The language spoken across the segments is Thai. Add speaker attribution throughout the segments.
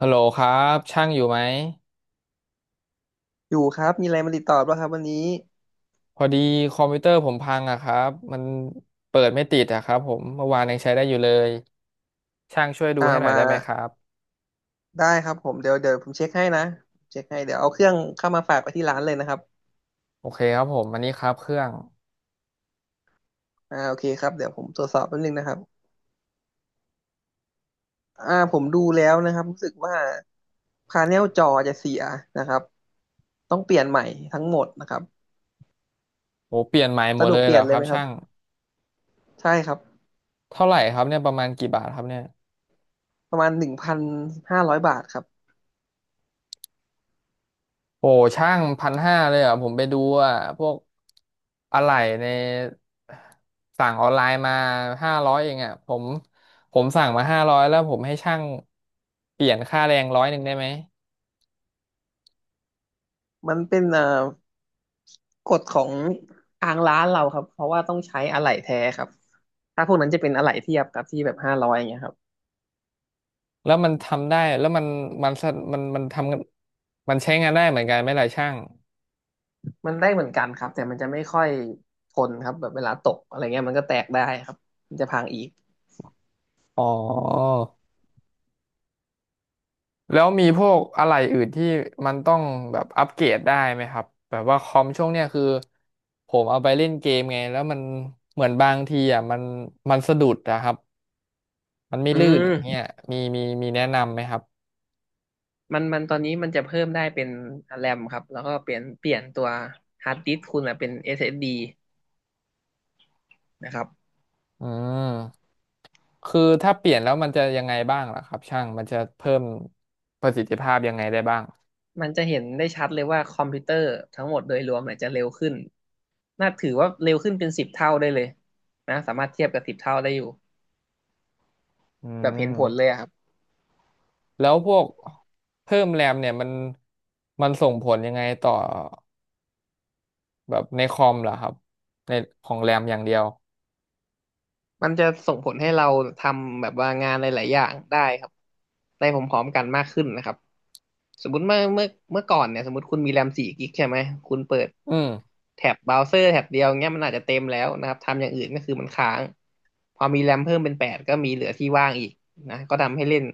Speaker 1: ฮัลโหลครับช่างอยู่ไหม
Speaker 2: อยู่ครับมีอะไรมาติดต่อบ้างครับวันนี้
Speaker 1: พอดีคอมพิวเตอร์ผมพังอะครับมันเปิดไม่ติดอะครับผมเมื่อวานยังใช้ได้อยู่เลยช่างช่วยดูให้หน่อย
Speaker 2: มา
Speaker 1: ได้ไหมครับ
Speaker 2: ได้ครับผมเดี๋ยวผมเช็คให้นะเช็คให้เดี๋ยวเอาเครื่องเข้ามาฝากไปที่ร้านเลยนะครับ
Speaker 1: โอเคครับผมอันนี้ครับเครื่อง
Speaker 2: อ่าโอเคครับเดี๋ยวผมตรวจสอบแป๊บนึงนะครับผมดูแล้วนะครับรู้สึกว่าพาเนลจอจะเสียนะครับต้องเปลี่ยนใหม่ทั้งหมดนะครับ
Speaker 1: โหเปลี่ยนใหม่หม
Speaker 2: สะ
Speaker 1: ด
Speaker 2: ด
Speaker 1: เล
Speaker 2: วก
Speaker 1: ย
Speaker 2: เป
Speaker 1: เหร
Speaker 2: ลี่ย
Speaker 1: อ
Speaker 2: นเล
Speaker 1: ค
Speaker 2: ย
Speaker 1: รั
Speaker 2: ไห
Speaker 1: บ
Speaker 2: มครับ
Speaker 1: ช่าง
Speaker 2: ใช่ครับ
Speaker 1: เท่าไหร่ครับเนี่ยประมาณกี่บาทครับเนี่ย
Speaker 2: ประมาณ1,500 บาทครับ
Speaker 1: โอ้ช่าง1,500เลยเหรอผมไปดูอะพวกอะไหล่ในสั่งออนไลน์มาห้าร้อยเองอะผมผมสั่งมาห้าร้อยแล้วผมให้ช่างเปลี่ยนค่าแรง100ได้ไหม
Speaker 2: มันเป็นกฎของทางร้านเราครับเพราะว่าต้องใช้อะไหล่แท้ครับถ้าพวกนั้นจะเป็นอะไหล่เทียบครับที่แบบห้าร้อยอย่างเงี้ยครับ
Speaker 1: แล้วมันทำได้แล้วมันมันสะมันทำงานมันใช้งานได้เหมือนกันไหมล่ะช่าง
Speaker 2: มันได้เหมือนกันครับแต่มันจะไม่ค่อยทนครับแบบเวลาตกอะไรเงี้ยมันก็แตกได้ครับมันจะพังอีก
Speaker 1: อ๋อแล้วมีพวกอะไรอื่นที่มันต้องแบบอัปเกรดได้ไหมครับแบบว่าคอมช่วงเนี้ยคือผมเอาไปเล่นเกมไงแล้วมันเหมือนบางทีอ่ะมันมันสะดุดนะครับมันไม่
Speaker 2: อื
Speaker 1: ลื่นเนี่ย
Speaker 2: ม
Speaker 1: มีแนะนำไหมครับ
Speaker 2: มันตอนนี้มันจะเพิ่มได้เป็นแรมครับแล้วก็เปลี่ยนตัวฮาร์ดดิสก์คุณอะเป็น SSD นะครับ
Speaker 1: อืมคือถ้าเปลี่ยนแล้วมันจะยังไงบ้างล่ะครับช่างมันจะเพิ่มประสิทธิภาพยังไงได้บ้าง
Speaker 2: มันจะเห็นได้ชัดเลยว่าคอมพิวเตอร์ทั้งหมดโดยรวมเนี่ยจะเร็วขึ้นน่าถือว่าเร็วขึ้นเป็นสิบเท่าได้เลยนะสามารถเทียบกับสิบเท่าได้อยู่
Speaker 1: อื
Speaker 2: แบบเห็นผ
Speaker 1: ม
Speaker 2: ลเลยอะครับ
Speaker 1: แล้วพวกเพิ่มแรมเนี่ยมันมันส่งผลยังไงต่อแบบในคอมเหรอครับในของแรมอย่างเดียว
Speaker 2: มันจะส่งผลให้เราทำแบบว่างานหลายๆอย่างได้ครับได้พร้อมๆกันมากขึ้นนะครับ สมมติเมื่อก่อนเนี่ยสมมติคุณมีแรม4 กิกใช่ไหมคุณเปิด
Speaker 1: อืม
Speaker 2: แท็บเบราว์เซอร์แท็บเดียวเงี้ยมันอาจจะเต็มแล้วนะครับทำอย่างอื่นก็คือมันค้างพอมีแรมเพิ่มเป็นแปดก็มีเหลือที่ว่างอีกนะก็ทำให้เล่น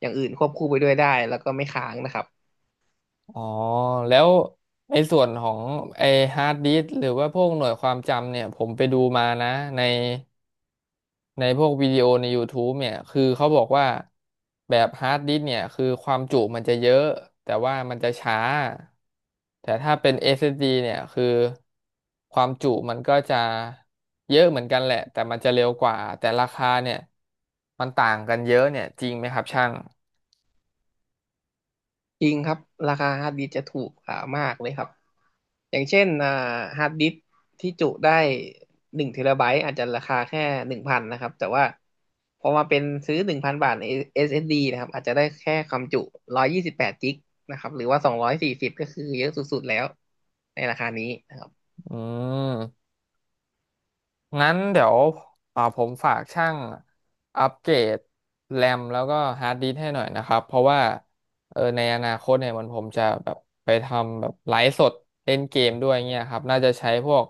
Speaker 2: อย่างอื่นควบคู่ไปด้วยได้แล้วก็ไม่ค้างนะครับ
Speaker 1: อ๋อ แล้วในส่วนของไอฮาร์ดดิสก์หรือว่าพวกหน่วยความจำเนี่ยผมไปดูมานะใน ในพวกวิดีโอใน YouTube เนี่ยคือเขาบอกว่าแบบฮาร์ดดิสก์เนี่ยคือความจุมันจะเยอะแต่ว่ามันจะช้าแต่ถ้าเป็น SSD เอสดีเนี่ยคือความจุมันก็จะเยอะเหมือนกันแหละแต่มันจะเร็วกว่าแต่ราคาเนี่ยมันต่างกันเยอะเนี่ยจริงไหมครับช่าง
Speaker 2: จริงครับราคาฮาร์ดดิสก์จะถูกกว่ามากเลยครับอย่างเช่นฮาร์ดดิสก์ที่จุได้1 เทราไบต์อาจจะราคาแค่หนึ่งพันนะครับแต่ว่าพอมาเป็นซื้อ1,000 บาทใน SSD นะครับอาจจะได้แค่ความจุ128 กิกนะครับหรือว่า240ก็คือเยอะสุดๆแล้วในราคานี้นะครับ
Speaker 1: อืม งั้นเดี๋ยวผมฝากช่างอัปเกรดแรมแล้วก็ฮาร์ดดิสก์ให้หน่อยนะครับเพราะว่าในอนาคตเนี่ยมันผมจะแบบไปทำแบบไลฟ์สดเล่นเกมด้วยเงี้ยครับน่าจะใช้พวก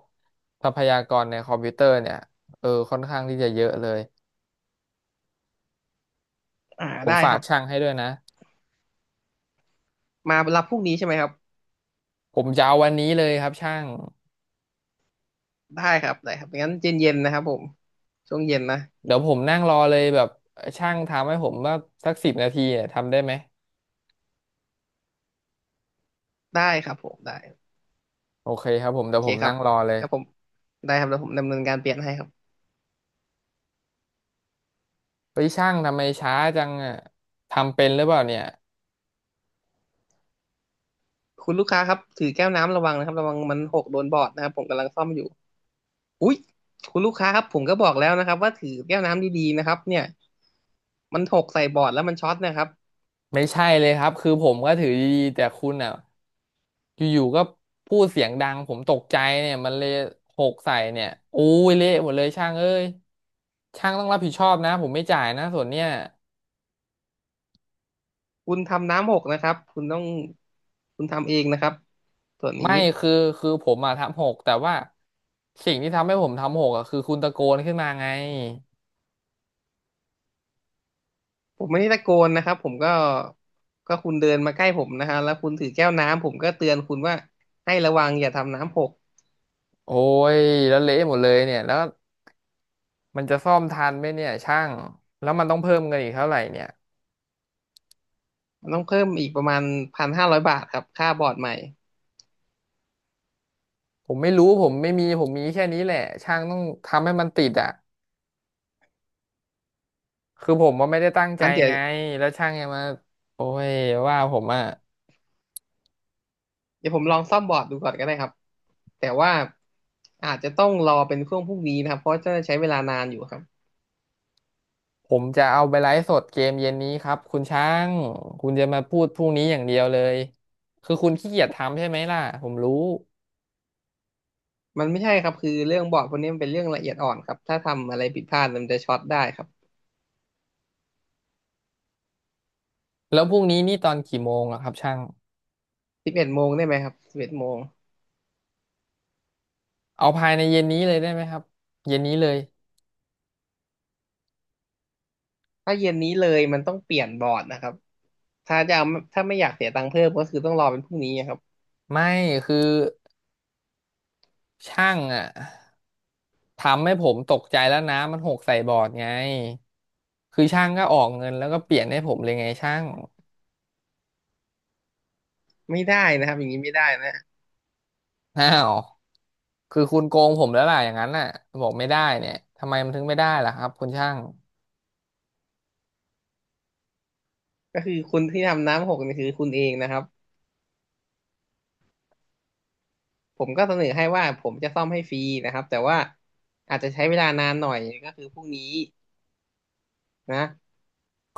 Speaker 1: ทรัพยากรในคอมพิวเตอร์เนี่ยค่อนข้างที่จะเยอะเลย
Speaker 2: อ่า
Speaker 1: ผม
Speaker 2: ได้
Speaker 1: ฝา
Speaker 2: ค
Speaker 1: ก
Speaker 2: รับ
Speaker 1: ช่างให้ด้วยนะ
Speaker 2: มารับพรุ่งนี้ใช่ไหมครับ
Speaker 1: ผมจะเอาวันนี้เลยครับช่าง
Speaker 2: ได้ครับได้ครับงั้นเย็นๆนนะครับผมช่วงเย็นนะ
Speaker 1: เดี๋ยวผมนั่งรอเลยแบบช่างทำให้ผมว่าสัก10 นาทีเนี่ยทำได้ไหม
Speaker 2: ได้ครับผมได้
Speaker 1: โอเคครับผม
Speaker 2: โอ
Speaker 1: เดี๋ยว
Speaker 2: เค
Speaker 1: ผม
Speaker 2: ครั
Speaker 1: นั่
Speaker 2: บ
Speaker 1: งรอเลย
Speaker 2: แล้วผมได้ครับแล้วผมดำเนินการเปลี่ยนให้ครับ
Speaker 1: ไปช่างทำไมช้าจังอ่ะทำเป็นหรือเปล่าเนี่ย
Speaker 2: คุณลูกค้าครับถือแก้วน้ำระวังนะครับระวังมันหกโดนบอร์ดนะครับผมกำลังซ่อมอยู่อุ๊ยคุณลูกค้าครับผมก็บอกแล้วนะครับว่าถือแก้วน้ำดีๆนะครับเนี่ยมันหกใส่บอร์ดแล้วมันช็อตนะครับ
Speaker 1: ไม่ใช่เลยครับคือผมก็ถือดีๆแต่คุณอ่ะอยู่ๆก็พูดเสียงดังผมตกใจเนี่ยมันเลยหกใส่เนี่ยอู้ยเละหมดเลยช่างเอ้ยช่างต้องรับผิดชอบนะผมไม่จ่ายนะส่วนเนี่ย
Speaker 2: คุณทำน้ำหกนะครับคุณทำเองนะครับส่วนนี้
Speaker 1: ไม่คือผมอ่ะทำหกแต่ว่าสิ่งที่ทำให้ผมทำหกอะคือคุณตะโกนขึ้นมาไง
Speaker 2: ผมไม่ได้ตะโกนนะครับผมก็คุณเดินมาใกล้ผมนะฮะแล้วคุณถือแก้วน้ำผมก็เตือนคุณว่าให้ระวังอย่าทำน้ำหก
Speaker 1: โอ้ยแล้วเละหมดเลยเนี่ยแล้วมันจะซ่อมทันไหมเนี่ยช่างแล้วมันต้องเพิ่มเงินอีกเท่าไหร่เนี่ย
Speaker 2: มันต้องเพิ่มอีกประมาณพันห้าร้อยบาทครับค่าบอร์ดใหม่
Speaker 1: ผมไม่รู้ผมไม่มีผมมีแค่นี้แหละช่างต้องทำให้มันติดอ่ะคือผมว่าไม่ได้ตั้งใจ
Speaker 2: อันเดี๋ยว
Speaker 1: ไงแล้วช่างยังมาโอ้ยว่าผมอ่ะ
Speaker 2: เดี๋ยวผมลองซ่อมบอร์ดดูก่อนก็ได้ครับแต่ว่าอาจจะต้องรอเป็นช่วงพรุ่งนี้นะครับเพราะจะใช้เวลานานอยู่ครับ
Speaker 1: ผมจะเอาไปไลฟ์สดเกมเย็นนี้ครับคุณช่างคุณจะมาพูดพรุ่งนี้อย่างเดียวเลยคือคุณขี้เกียจทำใช่ไหมล่ะผมรู้
Speaker 2: มันไม่ใช่ครับคือเรื่องบอร์ดพวกนี้มันเป็นเรื่องละเอียดอ่อนครับถ้าทำอะไรผิดพลาดมันจะช็อตได้ครับ
Speaker 1: แล้วพรุ่งนี้นี่ตอนกี่โมงอะครับช่าง
Speaker 2: สิบเอ็ดโมงได้ไหมครับสิบเอ็ดโมง
Speaker 1: เอาภายในเย็นนี้เลยได้ไหมครับเย็นนี้เลย
Speaker 2: ถ้าเย็นนี้เลยมันต้องเปลี่ยนบอร์ดนะครับถ้าจะเอาถ้าไม่อยากเสียตังค์เพิ่มก็คือต้องรอเป็นพรุ่งนี้ครับ
Speaker 1: ไม่คือ ช่างอ่ะทำให้ผมตกใจแล้วน้ำมันหกใส่บอร์ดไงคือช่างก็ออกเงินแล้วก็เปลี่ยนให้ผมเลยไงช่าง
Speaker 2: ไม่ได้นะครับอย่างนี้ไม่ได้นะ
Speaker 1: อ้าวคือคุณโกงผมแล้วล่ะอย่างนั้นน่ะบอกไม่ได้เนี่ยทำไมมันถึงไม่ได้ล่ะครับคุณช่าง
Speaker 2: ก็คือคุณที่ทำน้ำหกนี่คือคุณเองนะครับผมก็เสนอให้ว่าผมจะซ่อมให้ฟรีนะครับแต่ว่าอาจจะใช้เวลานานหน่อยก็คือพรุ่งนี้ นะ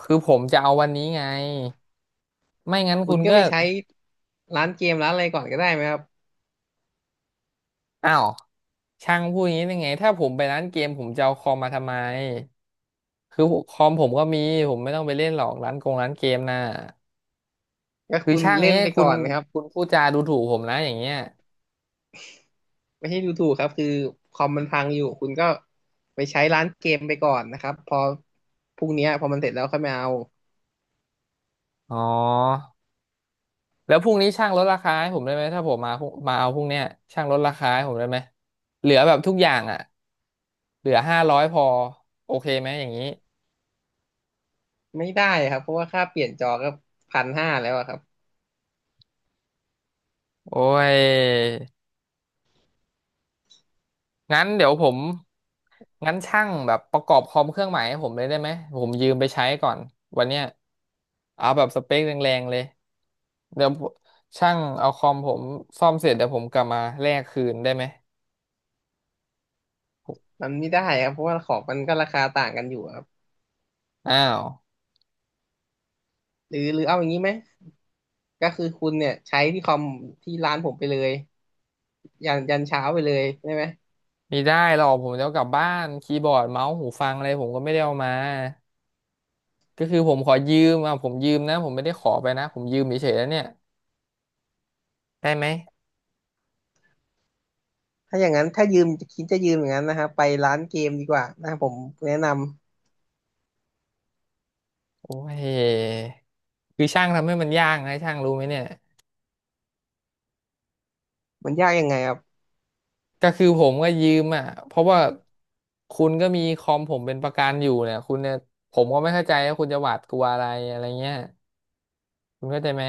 Speaker 1: คือผมจะเอาวันนี้ไงไม่งั้น
Speaker 2: คุ
Speaker 1: คุ
Speaker 2: ณ
Speaker 1: ณ
Speaker 2: ก็
Speaker 1: ก็
Speaker 2: ไปใช้ร้านเกมร้านอะไรก่อนก็ได้ไหมครับ
Speaker 1: อ้าวช่างพูดอย่างนี้ได้ไงถ้าผมไปร้านเกมผมจะเอาคอมมาทำไมคือคอมผมก็มีผมไม่ต้องไปเล่นหรอกร้านกงร้านเกมน่ะ
Speaker 2: ก็
Speaker 1: คือ
Speaker 2: คุณ
Speaker 1: ช่าง
Speaker 2: เล่
Speaker 1: เงี้
Speaker 2: น
Speaker 1: ย
Speaker 2: ไป
Speaker 1: คุ
Speaker 2: ก่อ
Speaker 1: ณ
Speaker 2: นนะครับ
Speaker 1: คุณพูดจาดูถูกผมนะอย่างเงี้ย
Speaker 2: ไม่ใช่ดูถูกครับคือคอมมันพังอยู่คุณก็ไปใช้ร้านเกมไปก่อนนะครับพอพรุ่งเนี้ยพอมันเสร็จแล้วค่อยมาเอา
Speaker 1: อ๋อแล้วพรุ่งนี้ช่างลดราคาให้ผมได้ไหมถ้าผมมาพรุ่งมาเอาพรุ่งเนี้ยช่างลดราคาให้ผมได้ไหมเหลือแบบทุกอย่างอ่ะเหลือห้าร้อยพอโอเคไหมอย่างนี้
Speaker 2: ไม่ได้ครับเพราะว่าค่าเปลี่ยนจอก็พันห้าแล้วอะครับ
Speaker 1: โอ้ยงั้นเดี๋ยวผมงั้นช่างแบบประกอบคอมเครื่องใหม่ให้ผมเลยได้ไหมผมยืมไปใช้ก่อนวันเนี้ยเอาแบบสเปคแรงๆเลยเดี๋ยวช่างเอาคอมผมซ่อมเสร็จเดี๋ยวผมกลับมาแลกคืนได้ไหม
Speaker 2: มันไม่ได้ครับเพราะว่าของมันก็ราคาต่างกันอยู่ครับ
Speaker 1: อ้าว
Speaker 2: หรือเอาอย่างนี้ไหมก็คือคุณเนี่ยใช้ที่คอมที่ร้านผมไปเลยยันเช้าไปเลยได้ไหม
Speaker 1: ไม่ได้หรอกผมจะเอากลับบ้านคีย์บอร์ดเมาส์หูฟังอะไรผมก็ไม่ได้เอามาก็คือผมขอยืมอ่ะผมยืมนะผมไม่ได้ขอไปนะผมยืมเฉยๆแล้วเนี่ยได้ไหม
Speaker 2: ถ้าอย่างนั้นถ้ายืมจะยืมอย่างนั้นนะฮะไปร้านเกมดีกว่านะครับผมแนะนำ
Speaker 1: โอ้ยคือช่างทำให้มันยากนะช่างรู้ไหมเนี่ย
Speaker 2: มันยากยังไงครับ
Speaker 1: ก็คือผมก็ยืมอ่ะเพราะว่าคุณก็มีคอมผมเป็นประกันอยู่เนี่ยคุณเนี่ยผมก็ไม่เข้าใจว่าคุณจะหวาดกลัวอะไรอะไรเงี้ยคุณเข้าใจไหม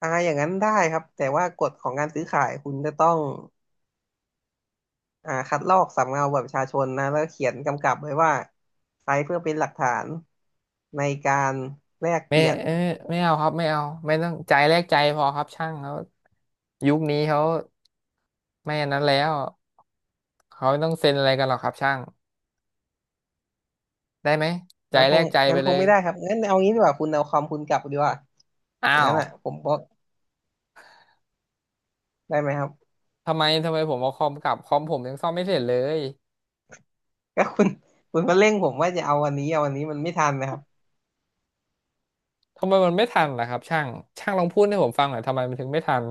Speaker 2: อ่าอย่างนั้นได้ครับแต่ว่ากฎของการซื้อขายคุณจะต้องคัดลอกสำเนาบัตรประชาชนนะแล้วเขียนกำกับไว้ว่าใช้เพื่อเป็นหลักฐานในการแลก
Speaker 1: ไม่
Speaker 2: เปลี่ยน
Speaker 1: เออไม่เอาครับไม่เอาไม่ต้องใจแลกใจพอครับช่างเขายุคนี้เขาไม่อันนั้นแล้ว เขาไม่ต้องเซ็นอะไรกันหรอกครับช่างได้ไหมใจ
Speaker 2: งั้นค
Speaker 1: แล
Speaker 2: ง
Speaker 1: กใจไป
Speaker 2: งั้นค
Speaker 1: เล
Speaker 2: ง
Speaker 1: ย
Speaker 2: ไม่ได้ครับงั้นเอางี้ดีกว่าคุณเอาคอมคุณกลับดีกว่าอ
Speaker 1: อ้า
Speaker 2: ย่างนั้
Speaker 1: ว
Speaker 2: นอ่ะผมบอกได้ไหมครับ
Speaker 1: ทำไมผมเอาคอมกลับคอมผมยังซ่อมไม่เสร็จเลย
Speaker 2: ก็คุณมาเร่งผมว่าจะเอาวันนี้เอาวันนี้มันไม่ทันนะครับ
Speaker 1: ทำไมมันไม่ทันล่ะครับช่างช่างลองพูดให้ผมฟังหน่อยทำไมมันถึงไม่ทัน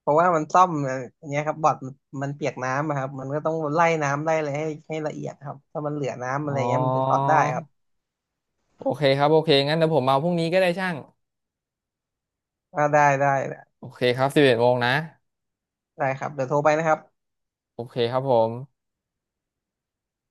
Speaker 2: เพราะว่ามันซ่อมอย่างเงี้ยครับบอร์ดมันเปียกน้ำอะครับมันก็ต้องไล่น้ำไล่อะไรให้ละเอียดครับถ้ามันเหลือน้ำอะ
Speaker 1: อ๋
Speaker 2: ไร
Speaker 1: อ
Speaker 2: เงี้ยมันจะช็อตได้ครับ
Speaker 1: โอเคครับโอเคงั้นเดี๋ยวผมมาพรุ่งนี้ก็ได้ช่าง
Speaker 2: อ่าได้ได้
Speaker 1: โอเคครับ11 โมงนะ
Speaker 2: ได้ครับเดี๋ยวโทรไปนะครับ
Speaker 1: โอเคครับผม